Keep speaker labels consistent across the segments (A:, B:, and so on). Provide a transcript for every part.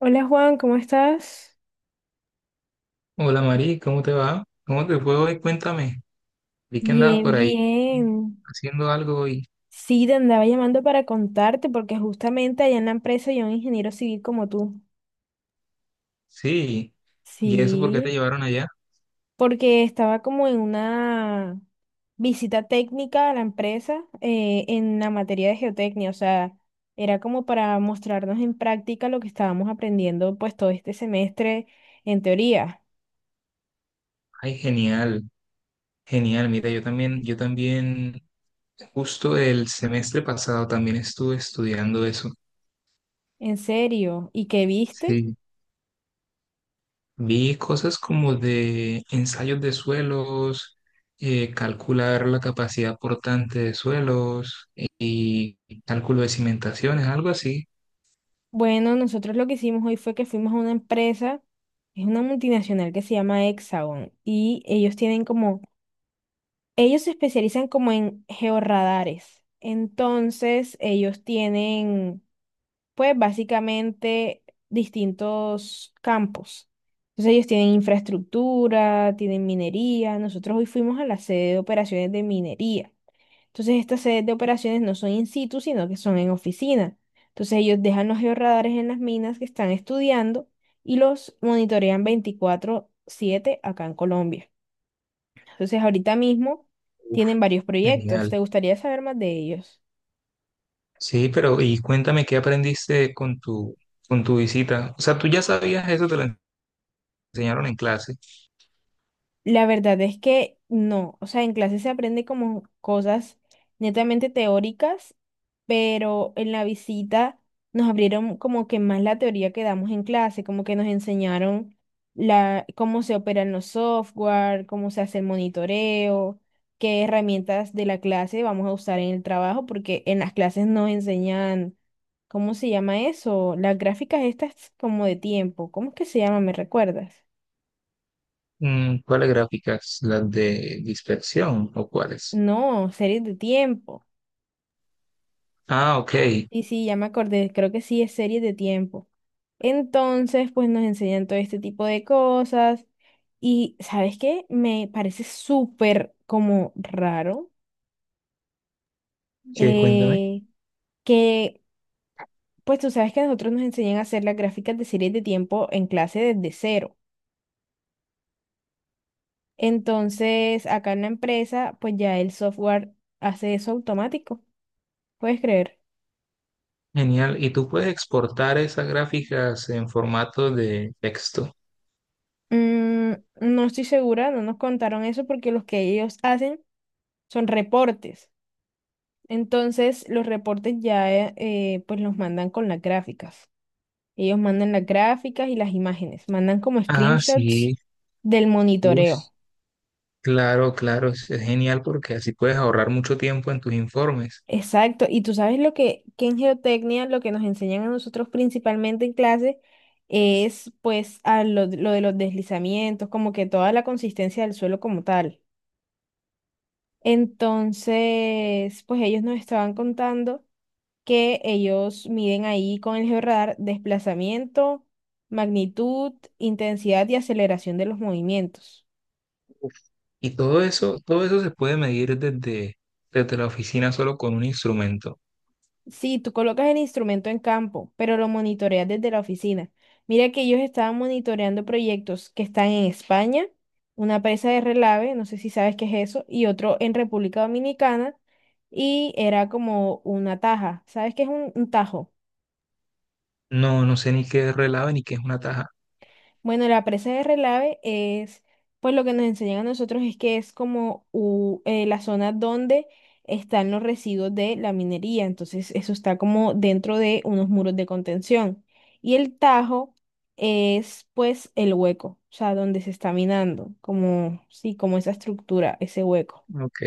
A: Hola Juan, ¿cómo estás?
B: Hola Mari, ¿cómo te va? ¿Cómo te fue hoy? Cuéntame. Vi que andabas
A: Bien,
B: por ahí
A: bien.
B: haciendo algo hoy.
A: Sí, te andaba llamando para contarte porque justamente allá en la empresa hay un ingeniero civil como tú.
B: Sí. ¿Y eso por qué te
A: Sí,
B: llevaron allá?
A: porque estaba como en una visita técnica a la empresa en la materia de geotecnia, o sea, era como para mostrarnos en práctica lo que estábamos aprendiendo pues todo este semestre en teoría,
B: Ay, genial, genial. Mira, yo también, justo el semestre pasado también estuve estudiando eso.
A: en serio. ¿Y qué viste?
B: Sí. Vi cosas como de ensayos de suelos, calcular la capacidad portante de suelos y cálculo de cimentaciones, algo así.
A: Bueno, nosotros lo que hicimos hoy fue que fuimos a una empresa, es una multinacional que se llama Hexagon y ellos tienen como, ellos se especializan como en georradares. Entonces, ellos tienen, pues básicamente distintos campos. Entonces, ellos tienen infraestructura, tienen minería. Nosotros hoy fuimos a la sede de operaciones de minería. Entonces, estas sedes de operaciones no son in situ, sino que son en oficina. Entonces, ellos dejan los georradares en las minas que están estudiando y los monitorean 24/7 acá en Colombia. Entonces, ahorita mismo
B: Uf,
A: tienen varios proyectos.
B: genial.
A: ¿Te gustaría saber más de ellos?
B: Sí, pero y cuéntame qué aprendiste con con tu visita. O sea, tú ya sabías eso, enseñaron en clase.
A: La verdad es que no, o sea, en clase se aprende como cosas netamente teóricas, pero en la visita nos abrieron como que más la teoría que damos en clase, como que nos enseñaron la, cómo se operan los software, cómo se hace el monitoreo, qué herramientas de la clase vamos a usar en el trabajo, porque en las clases nos enseñan, ¿cómo se llama eso? Las gráficas estas como de tiempo, ¿cómo es que se llama? ¿Me recuerdas?
B: Mm, ¿cuáles gráficas? ¿Las de dispersión o cuáles?
A: No, series de tiempo.
B: Ah, ok.
A: Y sí, ya me acordé, creo que sí es serie de tiempo. Entonces, pues nos enseñan todo este tipo de cosas. Y, ¿sabes qué? Me parece súper como raro
B: Que cuéntame.
A: eh, que, pues tú sabes que nosotros nos enseñan a hacer las gráficas de series de tiempo en clase desde cero. Entonces, acá en la empresa, pues ya el software hace eso automático, ¿puedes creer?
B: Genial. ¿Y tú puedes exportar esas gráficas en formato de texto?
A: Mm, no estoy segura, no nos contaron eso porque los que ellos hacen son reportes. Entonces, los reportes ya pues los mandan con las gráficas. Ellos mandan las gráficas y las imágenes, mandan como
B: Ah,
A: screenshots
B: sí.
A: del
B: Uy,
A: monitoreo.
B: claro, claro. Es genial porque así puedes ahorrar mucho tiempo en tus informes.
A: Exacto. Y tú sabes lo que en geotecnia lo que nos enseñan a nosotros principalmente en clase es pues a lo de los deslizamientos, como que toda la consistencia del suelo como tal. Entonces, pues ellos nos estaban contando. Que ellos miden ahí con el georradar desplazamiento, magnitud, intensidad y aceleración de los movimientos.
B: Y todo eso se puede medir desde la oficina solo con un instrumento.
A: Sí, tú colocas el instrumento en campo, pero lo monitoreas desde la oficina. Mira que ellos estaban monitoreando proyectos que están en España, una presa de relave, no sé si sabes qué es eso, y otro en República Dominicana, y era como una taja. ¿Sabes qué es un tajo?
B: No, no sé ni qué es relave ni qué es una taja.
A: Bueno, la presa de Relave es, pues lo que nos enseñan a nosotros es que es como la zona donde están los residuos de la minería, entonces eso está como dentro de unos muros de contención. Y el Tajo es pues el hueco, o sea, donde se está minando, como, sí, como esa estructura, ese hueco.
B: Ok.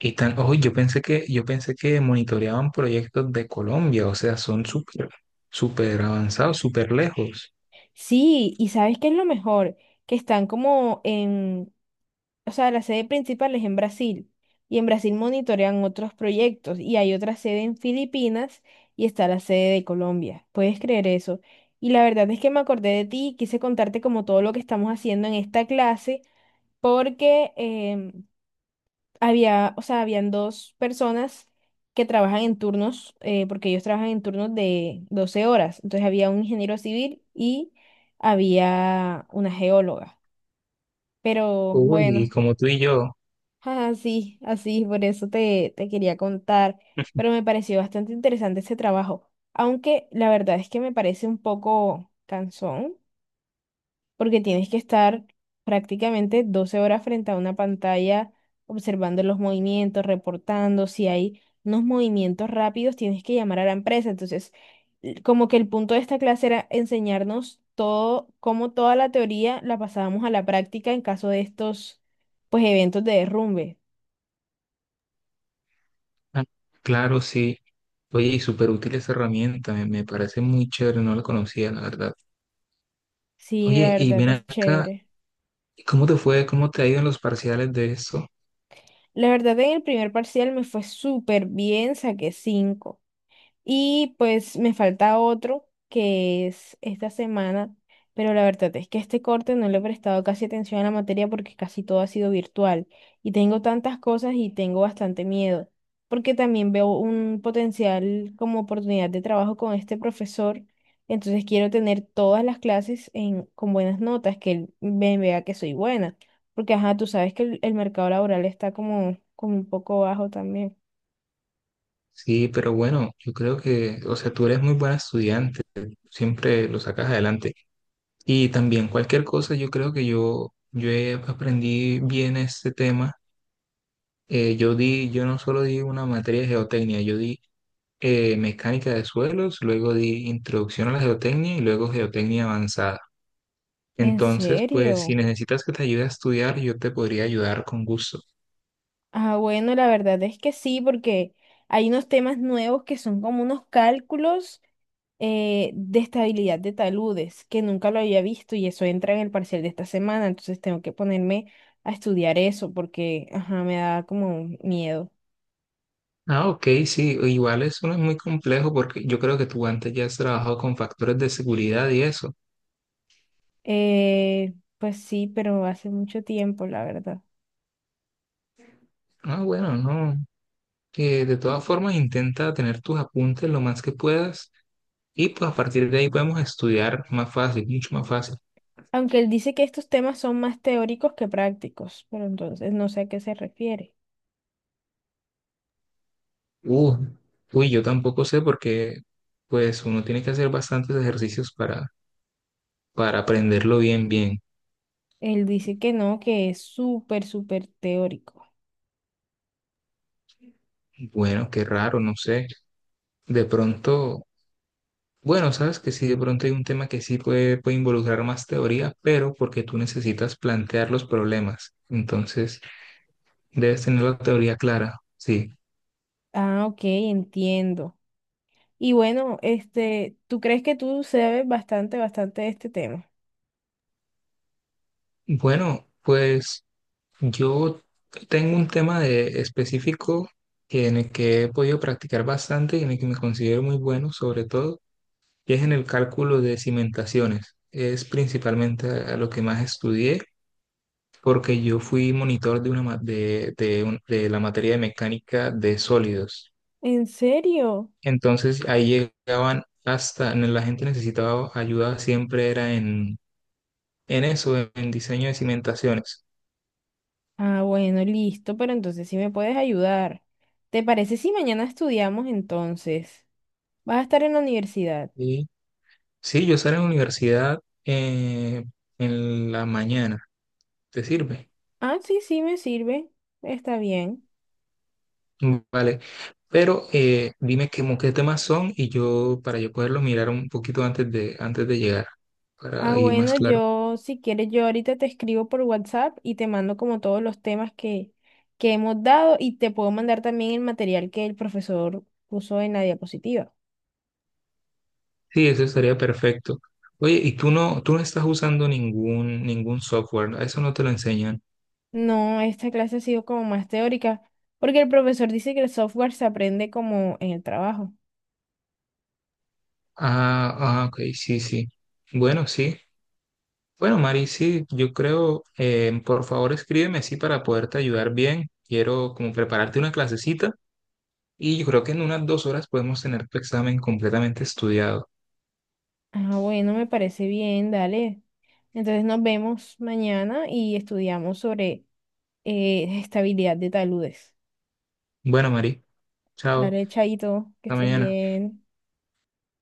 B: Y tan, ojo, yo pensé que monitoreaban proyectos de Colombia, o sea, son súper, súper avanzados, súper lejos.
A: Sí, y ¿sabes qué es lo mejor? Que están como o sea, la sede principal es en Brasil y en Brasil monitorean otros proyectos y hay otra sede en Filipinas y está la sede de Colombia. ¿Puedes creer eso? Y la verdad es que me acordé de ti y quise contarte como todo lo que estamos haciendo en esta clase porque em, había, o sea, habían dos personas que trabajan en turnos, porque ellos trabajan en turnos de 12 horas. Entonces había un ingeniero civil y había una geóloga. Pero
B: Uy,
A: bueno.
B: como tú y yo.
A: Ah, sí, así, por eso te, te quería contar, pero me pareció bastante interesante ese trabajo, aunque la verdad es que me parece un poco cansón, porque tienes que estar prácticamente 12 horas frente a una pantalla observando los movimientos, reportando, si hay unos movimientos rápidos, tienes que llamar a la empresa, entonces como que el punto de esta clase era enseñarnos todo, cómo toda la teoría la pasábamos a la práctica en caso de estos, pues, eventos de derrumbe.
B: Ah, claro, sí. Oye, y súper útil esa herramienta, me parece muy chévere, no la conocía, la verdad.
A: Sí, la
B: Oye, y
A: verdad
B: ven
A: es
B: acá,
A: chévere.
B: ¿cómo te fue? ¿Cómo te ha ido en los parciales de esto?
A: La verdad en el primer parcial me fue súper bien, saqué 5. Y pues me falta otro que es esta semana, pero la verdad es que este corte no le he prestado casi atención a la materia porque casi todo ha sido virtual y tengo tantas cosas y tengo bastante miedo, porque también veo un potencial como oportunidad de trabajo con este profesor, entonces quiero tener todas las clases en, con buenas notas, que él me vea que soy buena, porque ajá, tú sabes que el mercado laboral está como, como un poco bajo también.
B: Sí, pero bueno, yo creo que, o sea, tú eres muy buena estudiante, siempre lo sacas adelante. Y también cualquier cosa, yo creo que aprendí bien este tema. Yo di, yo no solo di una materia de geotecnia, yo di mecánica de suelos, luego di introducción a la geotecnia y luego geotecnia avanzada.
A: ¿En
B: Entonces, pues si
A: serio?
B: necesitas que te ayude a estudiar, yo te podría ayudar con gusto.
A: Ah, bueno, la verdad es que sí, porque hay unos temas nuevos que son como unos cálculos de estabilidad de taludes, que nunca lo había visto y eso entra en el parcial de esta semana, entonces tengo que ponerme a estudiar eso porque, ajá, me da como miedo.
B: Ah, ok, sí, igual eso no es muy complejo porque yo creo que tú antes ya has trabajado con factores de seguridad y eso.
A: Pues sí, pero hace mucho tiempo, la verdad.
B: Ah, bueno, no. De todas formas, intenta tener tus apuntes lo más que puedas, y pues a partir de ahí podemos estudiar más fácil, mucho más fácil.
A: Aunque él dice que estos temas son más teóricos que prácticos, pero entonces no sé a qué se refiere.
B: Uh, uy, yo tampoco sé porque pues uno tiene que hacer bastantes ejercicios para aprenderlo bien, bien.
A: Él dice que no, que es súper, súper teórico.
B: Bueno, qué raro, no sé. De pronto, bueno, sabes que sí, de pronto hay un tema que sí puede involucrar más teoría, pero porque tú necesitas plantear los problemas. Entonces, debes tener la teoría clara. Sí.
A: Ah, ok, entiendo. Y bueno, este, ¿tú crees que tú sabes bastante, bastante de este tema?
B: Bueno, pues... yo tengo un tema de específico en el que he podido practicar bastante y en el que me considero muy bueno, sobre todo, y es en el cálculo de cimentaciones. Es principalmente a lo que más estudié, porque yo fui monitor de la materia de mecánica de sólidos.
A: ¿En serio?
B: Entonces ahí llegaban hasta, la gente necesitaba ayuda, siempre era en eso, en diseño de cimentaciones.
A: Ah, bueno, listo, pero entonces sí me puedes ayudar. ¿Te parece si mañana estudiamos entonces? ¿Vas a estar en la universidad?
B: Sí, yo salgo a la universidad eh, en la mañana. ¿Te sirve?
A: Ah, sí, sí, me sirve. Está bien.
B: Mm, vale. Pero qué temas son y yo, para yo poderlo mirar un poquito antes de llegar,
A: Ah,
B: para ir
A: bueno,
B: más claro.
A: yo, si quieres, yo ahorita te escribo por WhatsApp y te mando como todos los temas que hemos dado y te puedo mandar también el material que el profesor puso en la diapositiva.
B: Sí, eso estaría perfecto. Oye, y tú no estás usando ningún software, ¿no? Eso no te lo enseñan.
A: No, esta clase ha sido como más teórica, porque el profesor dice que el software se aprende como en el trabajo.
B: Ah, ah, ok, sí, sí. Bueno, sí. Bueno, Mari, sí, yo creo, por favor escríbeme así para poderte ayudar bien. Quiero como prepararte una clasecita, y yo creo que en unas 2 horas podemos tener tu examen completamente estudiado.
A: Ah, bueno, me parece bien, dale. Entonces nos vemos mañana y estudiamos sobre estabilidad de taludes.
B: Bueno, Mari, chao,
A: Dale, chaito, que
B: hasta
A: estés
B: mañana.
A: bien.